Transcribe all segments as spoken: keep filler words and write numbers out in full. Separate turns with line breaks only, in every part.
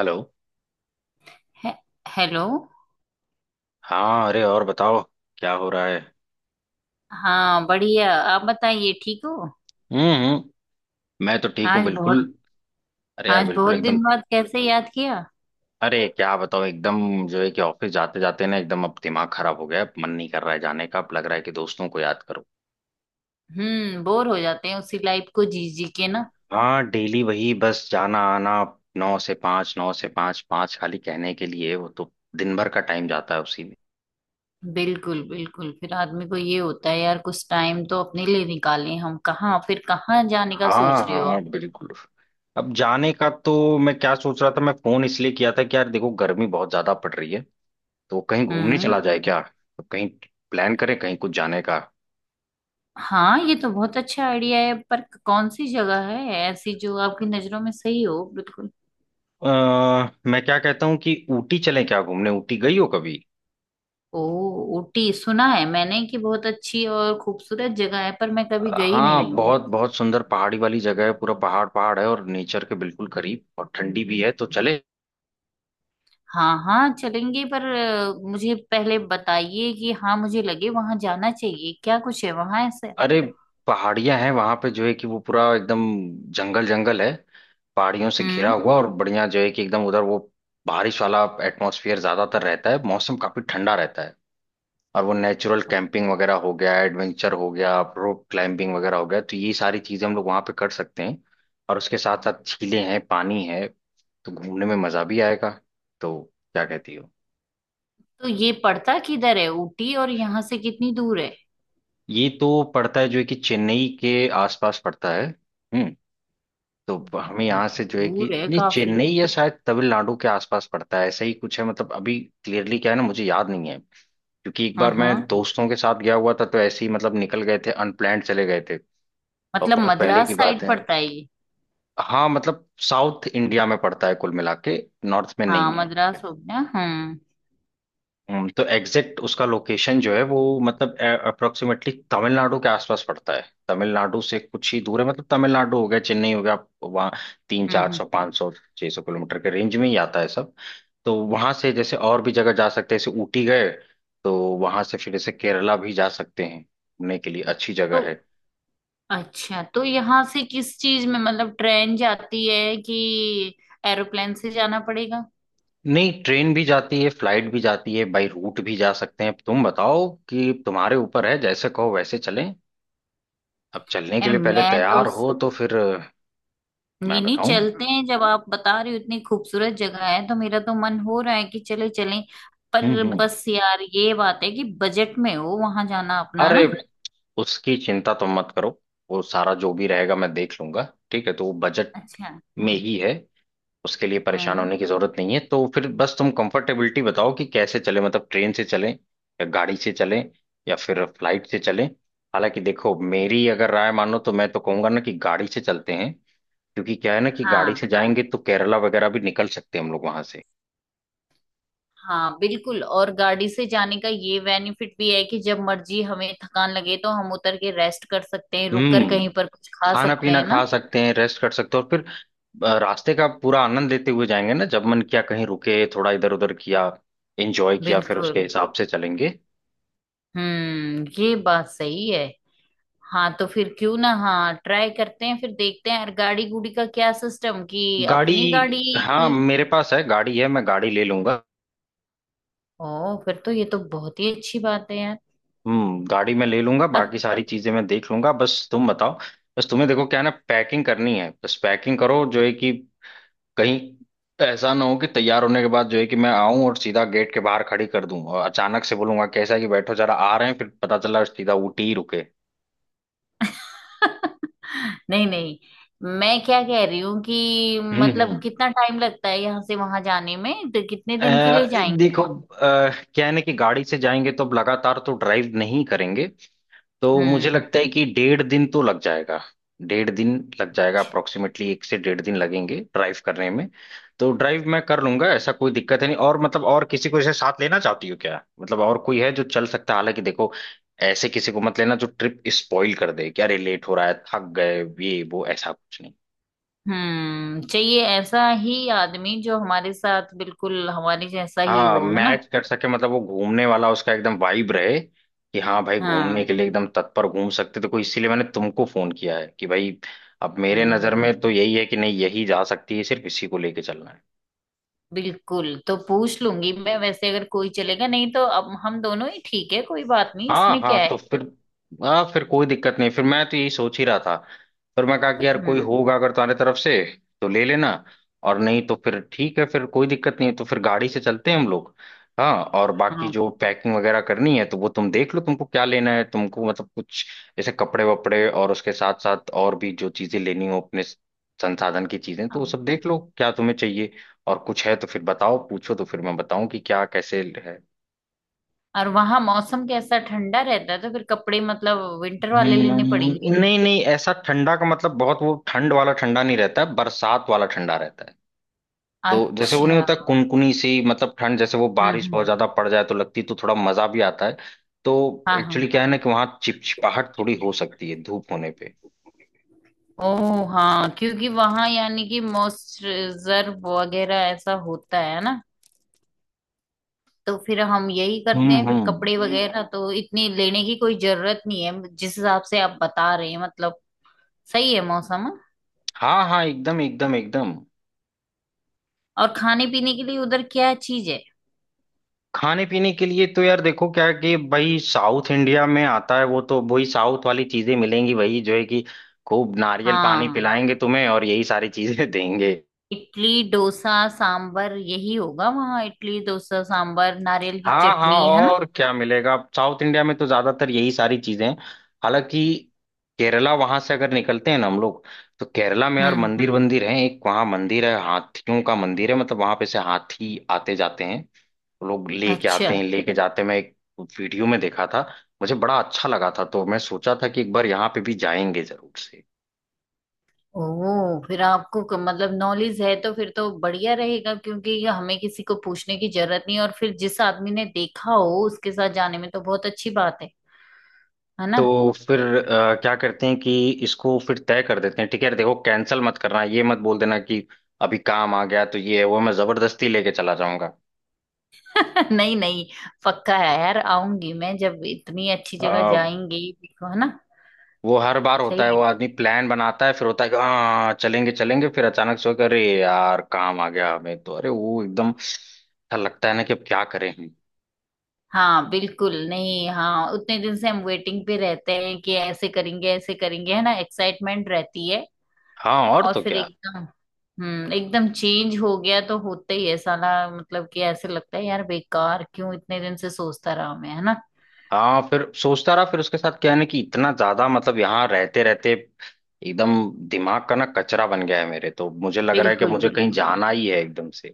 Hello.
Hey, hello.
हाँ, अरे और बताओ, क्या हो रहा है?
हाँ बढ़िया, आप बताइए ठीक हो?
हम्म हम्म। मैं तो ठीक हूँ
आज बहुत,
बिल्कुल। अरे यार,
आज
बिल्कुल
बहुत
एकदम।
दिन बाद कैसे याद किया?
अरे क्या बताओ, एकदम जो है कि ऑफिस जाते जाते ना एकदम अब दिमाग खराब हो गया, अब मन नहीं कर रहा है जाने का, अब लग रहा है कि दोस्तों को याद करो।
हम्म, बोर हो जाते हैं उसी लाइफ को जी जी के ना।
हाँ, डेली वही बस जाना आना, नौ से पाँच नौ से पाँच पाँच खाली कहने के लिए, वो तो दिन भर का टाइम जाता है उसी में।
बिल्कुल बिल्कुल, फिर आदमी को ये होता है यार कुछ टाइम तो अपने लिए निकालें हम। कहाँ फिर, कहाँ जाने का सोच
हाँ
रहे हो
हाँ
आप?
बिल्कुल। अब जाने का तो, मैं क्या सोच रहा था, मैं फोन इसलिए किया था कि यार देखो, गर्मी बहुत ज्यादा पड़ रही है, तो कहीं घूमने
हम्म।
चला जाए क्या, तो कहीं प्लान करें कहीं कुछ जाने का।
हाँ ये तो बहुत अच्छा आइडिया है, पर कौन सी जगह है ऐसी जो आपकी नजरों में सही हो बिल्कुल?
अ, मैं क्या कहता हूँ कि ऊटी चलें क्या घूमने, ऊटी गई हो कभी?
ओ, ऊटी सुना है मैंने कि बहुत अच्छी और खूबसूरत जगह है, पर मैं
अ,
कभी गई
हाँ,
नहीं हूँ।
बहुत बहुत सुंदर पहाड़ी वाली जगह है, पूरा पहाड़ पहाड़ है, और नेचर के बिल्कुल करीब, और ठंडी भी है, तो चले।
हाँ हाँ चलेंगे, पर अ, मुझे पहले बताइए कि हाँ मुझे लगे वहां जाना चाहिए, क्या कुछ है वहां ऐसे?
अरे पहाड़ियां हैं वहां पे, जो है कि वो पूरा एकदम जंगल जंगल है, पहाड़ियों से घिरा
हम्म,
हुआ, और बढ़िया जो है कि एकदम उधर वो बारिश वाला एटमॉस्फेयर ज्यादातर रहता है, मौसम काफी ठंडा रहता है, और वो नेचुरल कैंपिंग वगैरह हो गया, एडवेंचर हो गया, रोप क्लाइंबिंग वगैरह हो गया, तो ये सारी चीजें हम लोग वहां पे कर सकते हैं। और उसके साथ साथ झीलें हैं, पानी है, तो घूमने में मजा भी आएगा। तो क्या कहती हो?
तो ये पड़ता किधर है ऊटी, और यहाँ से कितनी दूर है?
ये तो पड़ता है जो है कि चेन्नई के आसपास पड़ता है। हम्म तो हमें
ओ,
यहाँ से जो है कि
दूर है
ये
काफी।
चेन्नई या शायद तमिलनाडु के आसपास पड़ता है, ऐसा ही कुछ है, मतलब अभी क्लियरली क्या है ना, मुझे याद नहीं है, क्योंकि एक
हाँ
बार मैं
हाँ,
दोस्तों के साथ गया हुआ था तो ऐसे ही मतलब निकल गए थे, अनप्लान्ड चले गए थे, और
मतलब
बहुत पहले की
मद्रास
बात
साइड
है।
पड़ता है ये?
हाँ मतलब साउथ इंडिया में पड़ता है कुल मिला के, नॉर्थ में
हाँ
नहीं है।
मद्रास हो गया। हम्म
हम्म, तो एग्जैक्ट उसका लोकेशन जो है वो मतलब अप्रोक्सीमेटली तमिलनाडु के आसपास पड़ता है, तमिलनाडु से कुछ ही दूर है, मतलब तमिलनाडु हो गया, चेन्नई हो गया, आप वहाँ तीन
हम्म।
चार
हम्म।
सौ पाँच सौ छह सौ किलोमीटर के रेंज में ही आता है सब। तो वहां से जैसे और भी जगह जा सकते हैं, जैसे ऊटी गए तो वहां से फिर जैसे केरला भी जा सकते हैं, घूमने के लिए अच्छी
तो
जगह है।
अच्छा, तो यहाँ से किस चीज में मतलब ट्रेन जाती है कि एरोप्लेन से जाना पड़ेगा?
नहीं, ट्रेन भी जाती है, फ्लाइट भी जाती है, बाई रूट भी जा सकते हैं, अब तुम बताओ कि तुम्हारे ऊपर है, जैसे कहो वैसे चलें। अब चलने के
यार
लिए पहले
मैं तो,
तैयार हो तो फिर अ, मैं
नहीं नहीं
बताऊं।
चलते हैं, जब आप बता रहे हो इतनी खूबसूरत जगह है तो मेरा तो मन हो रहा है कि चले चलें।
हम्म
पर
हम्म।
बस यार ये बात है कि बजट में हो वहां जाना अपना
अरे
ना।
उसकी चिंता तुम मत करो, वो सारा जो भी रहेगा मैं देख लूंगा, ठीक है, तो वो बजट
अच्छा।
में ही है, उसके लिए परेशान
हम्म।
होने की जरूरत नहीं है, तो फिर बस तुम कंफर्टेबिलिटी बताओ कि कैसे चले, मतलब ट्रेन से चलें या गाड़ी से चलें या फिर फ्लाइट से चलें। हालांकि देखो, मेरी अगर राय मानो तो मैं तो कहूंगा ना कि गाड़ी से चलते हैं, क्योंकि क्या है ना कि गाड़ी
हाँ
से जाएंगे तो केरला वगैरह भी निकल सकते हैं हम लोग वहां से।
हाँ बिल्कुल, और गाड़ी से जाने का ये बेनिफिट भी है कि जब मर्जी हमें थकान लगे तो हम उतर के रेस्ट कर सकते हैं, रुक कर
हम्म
कहीं पर कुछ खा
खाना
सकते
पीना
हैं ना।
खा सकते हैं, रेस्ट कर सकते हैं, और फिर अ, रास्ते का पूरा आनंद लेते हुए जाएंगे ना, जब मन किया कहीं रुके, थोड़ा इधर उधर किया, एंजॉय किया, फिर उसके
बिल्कुल।
हिसाब से चलेंगे।
हम्म, ये बात सही है। हाँ तो फिर क्यों ना, हाँ ट्राई करते हैं, फिर देखते हैं यार गाड़ी गुड़ी का क्या सिस्टम, कि अपनी गाड़ी
गाड़ी हाँ
की?
मेरे पास है, गाड़ी है, मैं गाड़ी ले लूँ।
ओ फिर तो ये तो बहुत ही अच्छी बात है यार।
हम्म गाड़ी मैं ले लूंगा,
और
बाकी सारी चीजें मैं देख लूंगा, बस तुम बताओ, बस तुम्हें देखो क्या है ना, पैकिंग करनी है, बस पैकिंग करो जो है कि कहीं ऐसा ना हो कि तैयार होने के बाद जो है कि मैं आऊं और सीधा गेट के बाहर खड़ी कर दूं और अचानक से बोलूंगा कैसा है कि बैठो जरा, आ रहे हैं, फिर पता चला सीधा ऊटी ही रुके।
नहीं नहीं, मैं क्या कह रही हूँ कि
हम्म
मतलब
हम्म।
कितना टाइम लगता है यहाँ से वहां जाने में, तो कितने
अ,
दिन के लिए जाएंगे?
देखो अ, क्या है ना कि गाड़ी से जाएंगे तो अब लगातार तो ड्राइव नहीं करेंगे, तो मुझे
हम्म।
लगता है कि डेढ़ दिन तो लग जाएगा, डेढ़ दिन लग जाएगा, अप्रोक्सीमेटली एक से डेढ़ दिन लगेंगे ड्राइव करने में। तो ड्राइव मैं कर लूंगा, ऐसा कोई दिक्कत है नहीं, और मतलब और किसी को इसे साथ लेना चाहती हो क्या, मतलब और कोई है जो चल सकता है? हालांकि देखो, ऐसे किसी को मत लेना जो ट्रिप स्पॉइल कर दे कि अरे लेट हो रहा है, थक गए, ये वो ऐसा कुछ।
हम्म, चाहिए ऐसा ही आदमी जो हमारे साथ बिल्कुल हमारे जैसा ही
हाँ
हो, है ना।
मैच कर सके, मतलब वो घूमने वाला उसका एकदम वाइब रहे कि हाँ भाई घूमने
हाँ।
के लिए एकदम तत्पर, घूम सकते तो कोई, इसीलिए मैंने तुमको फोन किया है कि भाई अब मेरे नजर
हम्म।
में तो यही है कि नहीं, यही जा सकती है, सिर्फ इसी को लेके चलना है।
बिल्कुल, तो पूछ लूंगी मैं, वैसे अगर कोई चलेगा नहीं तो अब हम दोनों ही ठीक है, कोई बात नहीं
हाँ
इसमें
हाँ,
क्या
तो
है।
फिर हाँ फिर कोई दिक्कत नहीं, फिर मैं तो यही सोच ही रहा था, फिर मैं कहा कि यार कोई
हम्म।
होगा अगर तुम्हारे तरफ से तो ले लेना, और नहीं तो फिर ठीक है, फिर कोई दिक्कत नहीं है, तो फिर गाड़ी से चलते हैं हम लोग। हाँ, और बाकी
हाँ
जो पैकिंग वगैरह करनी है तो वो तुम देख लो, तुमको क्या लेना है, तुमको मतलब कुछ जैसे कपड़े वपड़े, और उसके साथ साथ और भी जो चीजें लेनी हो अपने संसाधन की चीजें, तो वो
हाँ।
सब देख लो क्या तुम्हें चाहिए और कुछ है तो फिर बताओ पूछो, तो फिर मैं बताऊं कि क्या कैसे है।
और वहां मौसम कैसा, ठंडा रहता है तो फिर कपड़े मतलब विंटर वाले लेने
हम्म,
पड़ेंगे?
नहीं नहीं, ऐसा ठंडा का मतलब बहुत वो ठंड वाला ठंडा नहीं रहता है, बरसात वाला ठंडा रहता है, तो जैसे वो नहीं
अच्छा।
होता कुनकुनी सी मतलब ठंड, जैसे वो
हम्म
बारिश बहुत
हम्म।
ज्यादा पड़ जाए तो लगती है, तो थोड़ा मजा भी आता है। तो
हाँ हाँ।
एक्चुअली क्या है ना कि वहां चिपचिपाहट थोड़ी हो सकती है धूप होने पे।
ओ हाँ, क्योंकि वहां यानी कि मॉइस्चराइजर वगैरह ऐसा होता है ना। तो फिर हम यही करते
हम्म
हैं, फिर
हम्म।
कपड़े वगैरह तो इतनी लेने की कोई जरूरत नहीं है जिस हिसाब से आप बता रहे हैं, मतलब सही है मौसम, हाँ?
हाँ हाँ एकदम एकदम एकदम।
और खाने पीने के लिए उधर क्या चीज है?
खाने पीने के लिए तो यार देखो क्या है कि भाई साउथ इंडिया में आता है वो, तो वही साउथ वाली चीजें मिलेंगी, वही जो है कि खूब नारियल पानी
हाँ,
पिलाएंगे तुम्हें और यही सारी चीजें देंगे।
इडली डोसा सांबर यही होगा वहाँ, इडली डोसा सांबर नारियल की
हाँ हाँ,
चटनी, है ना।
और क्या मिलेगा साउथ इंडिया में तो ज्यादातर यही सारी चीजें हैं। हालांकि केरला वहां से अगर निकलते हैं ना हम लोग, तो केरला में यार
हम्म।
मंदिर वंदिर हैं, एक वहाँ मंदिर है, हाथियों का मंदिर है, मतलब वहां पे से हाथी आते जाते हैं, तो लोग लेके
अच्छा।
आते हैं, लेके जाते हैं, मैं एक वीडियो में देखा था, मुझे बड़ा अच्छा लगा था, तो मैं सोचा था कि एक बार यहाँ पे भी जाएंगे जरूर से।
ओ फिर आपको क- मतलब नॉलेज है तो फिर तो बढ़िया रहेगा, क्योंकि ये हमें किसी को पूछने की जरूरत नहीं, और फिर जिस आदमी ने देखा हो उसके साथ जाने में तो बहुत अच्छी बात है है ना।
तो फिर अ, क्या करते हैं कि इसको फिर तय कर देते हैं, ठीक है, देखो कैंसिल मत करना, ये मत बोल देना कि अभी काम आ गया तो ये है वो है, मैं जबरदस्ती लेके चला जाऊंगा।
नहीं नहीं, पक्का है यार, आऊंगी मैं, जब इतनी अच्छी
अ,
जगह जाएंगे देखो, है ना।
वो हर बार होता है, वो
सही,
आदमी प्लान बनाता है, फिर होता है कि हाँ चलेंगे चलेंगे फिर अचानक से होकर अरे यार काम आ गया हमें, तो अरे वो एकदम ऐसा लगता है ना कि अब क्या करें हम।
हाँ बिल्कुल। नहीं हाँ, उतने दिन से हम वेटिंग पे रहते हैं कि ऐसे करेंगे ऐसे करेंगे, है ना, एक्साइटमेंट रहती है।
हाँ, और
और
तो
फिर
क्या,
एकदम, हम्म, एकदम चेंज हो गया तो होता ही है साला। मतलब कि ऐसे लगता है यार बेकार क्यों इतने दिन से सोचता रहा मैं, है ना।
हाँ फिर सोचता रहा, फिर उसके साथ क्या है ना कि इतना ज्यादा मतलब यहाँ रहते रहते एकदम दिमाग का ना कचरा बन गया है मेरे, तो मुझे लग रहा है कि
बिल्कुल
मुझे कहीं
बिल्कुल।
जाना ही है एकदम से।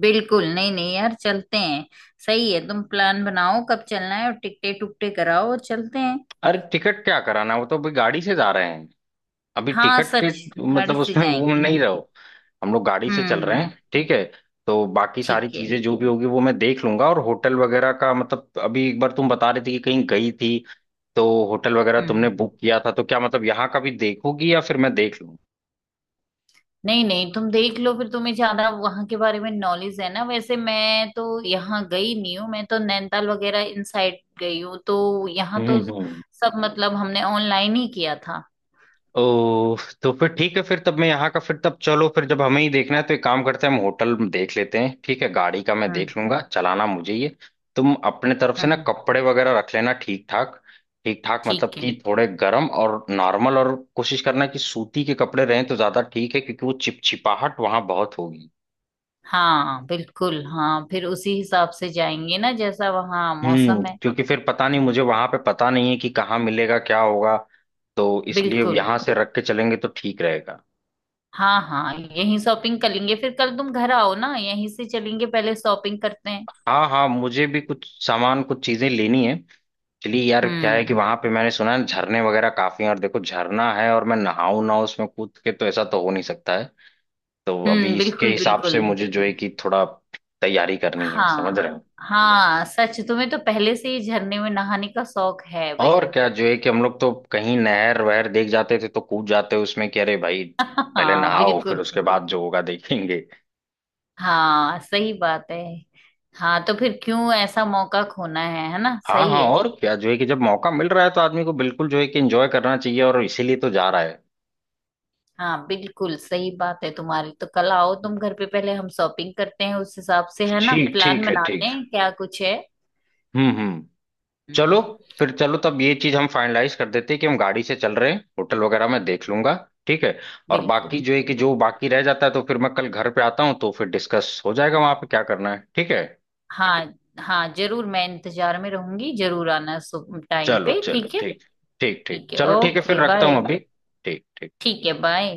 बिल्कुल नहीं नहीं यार, चलते हैं। सही है, तुम प्लान बनाओ कब चलना है, और टिकटे टुकटे कराओ और चलते हैं।
अरे टिकट क्या कराना है? वो तो अभी गाड़ी से जा रहे हैं, अभी
हाँ
टिकट के
सच। गाड़ी
मतलब
से
उसमें वो
जाएंगे
नहीं
हम।
रहो, हम लोग गाड़ी से चल रहे हैं,
हम्म।
ठीक है। तो बाकी सारी
ठीक है।
चीजें जो भी होगी वो मैं देख लूंगा, और होटल वगैरह का मतलब अभी एक बार तुम बता रही थी कि कहीं गई थी, तो होटल वगैरह तुमने
हम्म,
बुक किया था, तो क्या मतलब यहाँ का भी देखोगी या फिर मैं देख लूँ?
नहीं नहीं तुम देख लो, फिर तुम्हें ज्यादा वहां के बारे में नॉलेज है ना। वैसे मैं तो यहाँ गई नहीं हूँ, मैं तो नैनीताल वगैरह इन साइड गई हूँ, तो यहाँ
हम्म
तो
हम्म।
सब मतलब हमने ऑनलाइन ही किया था।
ओ, तो फिर ठीक है, फिर तब मैं यहाँ का, फिर तब चलो फिर जब हमें ही देखना है तो एक काम करते हैं, हम होटल में देख लेते हैं, ठीक है, गाड़ी का मैं
हम्म
देख लूंगा, चलाना मुझे, ये तुम अपने तरफ से
हम्म।
ना
हम्म,
कपड़े वगैरह रख लेना ठीक ठाक, ठीक ठाक मतलब
ठीक है।
कि थोड़े गर्म और नॉर्मल, और कोशिश करना कि सूती के कपड़े रहें तो ज्यादा ठीक है क्योंकि वो चिपचिपाहट वहां बहुत होगी।
हाँ बिल्कुल, हाँ फिर उसी हिसाब से जाएंगे ना जैसा वहाँ
हम्म
मौसम है।
क्योंकि फिर पता नहीं, मुझे वहां पे पता नहीं है कि कहाँ मिलेगा क्या होगा, तो इसलिए
बिल्कुल।
यहाँ से रख के चलेंगे तो ठीक रहेगा।
हाँ हाँ यहीं शॉपिंग कर लेंगे, फिर कल तुम घर आओ ना, यहीं से चलेंगे पहले शॉपिंग करते हैं।
हाँ हाँ, मुझे भी कुछ सामान कुछ चीजें लेनी है। एक्चुअली यार क्या है कि
हम्म
वहां पे मैंने सुना है झरने वगैरह काफी हैं, और देखो झरना है और मैं नहाऊं ना उसमें कूद के, तो ऐसा तो हो नहीं सकता है, तो अभी
हम्म।
इसके
बिल्कुल
हिसाब से
बिल्कुल।
मुझे जो है कि थोड़ा तैयारी करनी है, समझ
हाँ
रहे हो।
हाँ सच, तुम्हें तो पहले से ही झरने में नहाने का शौक है भाई।
और क्या जो है कि हम लोग तो कहीं नहर वहर देख जाते थे तो कूद जाते उसमें कि अरे भाई पहले
हाँ
नहाओ फिर
बिल्कुल।
उसके बाद जो होगा देखेंगे।
हाँ सही बात है। हाँ तो फिर क्यों ऐसा मौका खोना है है ना,
हाँ
सही
हाँ,
है।
और क्या जो है कि जब मौका मिल रहा है तो आदमी को बिल्कुल जो है कि एंजॉय करना चाहिए, और इसीलिए तो जा रहा है।
हाँ बिल्कुल सही बात है तुम्हारी, तो कल आओ तुम घर पे, पहले हम शॉपिंग करते हैं उस हिसाब से, है ना,
ठीक
प्लान
ठीक है
बनाते
ठीक।
हैं क्या कुछ है।
हम्म हम्म। चलो
हम्म।
फिर चलो, तब ये चीज हम फाइनलाइज कर देते हैं कि हम गाड़ी से चल रहे हैं, होटल वगैरह मैं देख लूंगा, ठीक है। और बाकी
बिल्कुल
जो है कि जो
बिल्कुल।
बाकी रह जाता है तो फिर मैं कल घर पे आता हूँ तो फिर डिस्कस हो जाएगा वहां पे क्या करना है, ठीक है।
हाँ हाँ जरूर, मैं इंतजार में रहूंगी, जरूर आना टाइम
चलो
पे,
चलो
ठीक है।
ठीक, ठीक ठीक
ठीक है,
चलो, ठीक है फिर
ओके
रखता
बाय।
हूँ अभी। ठीक
ठीक है, बाय।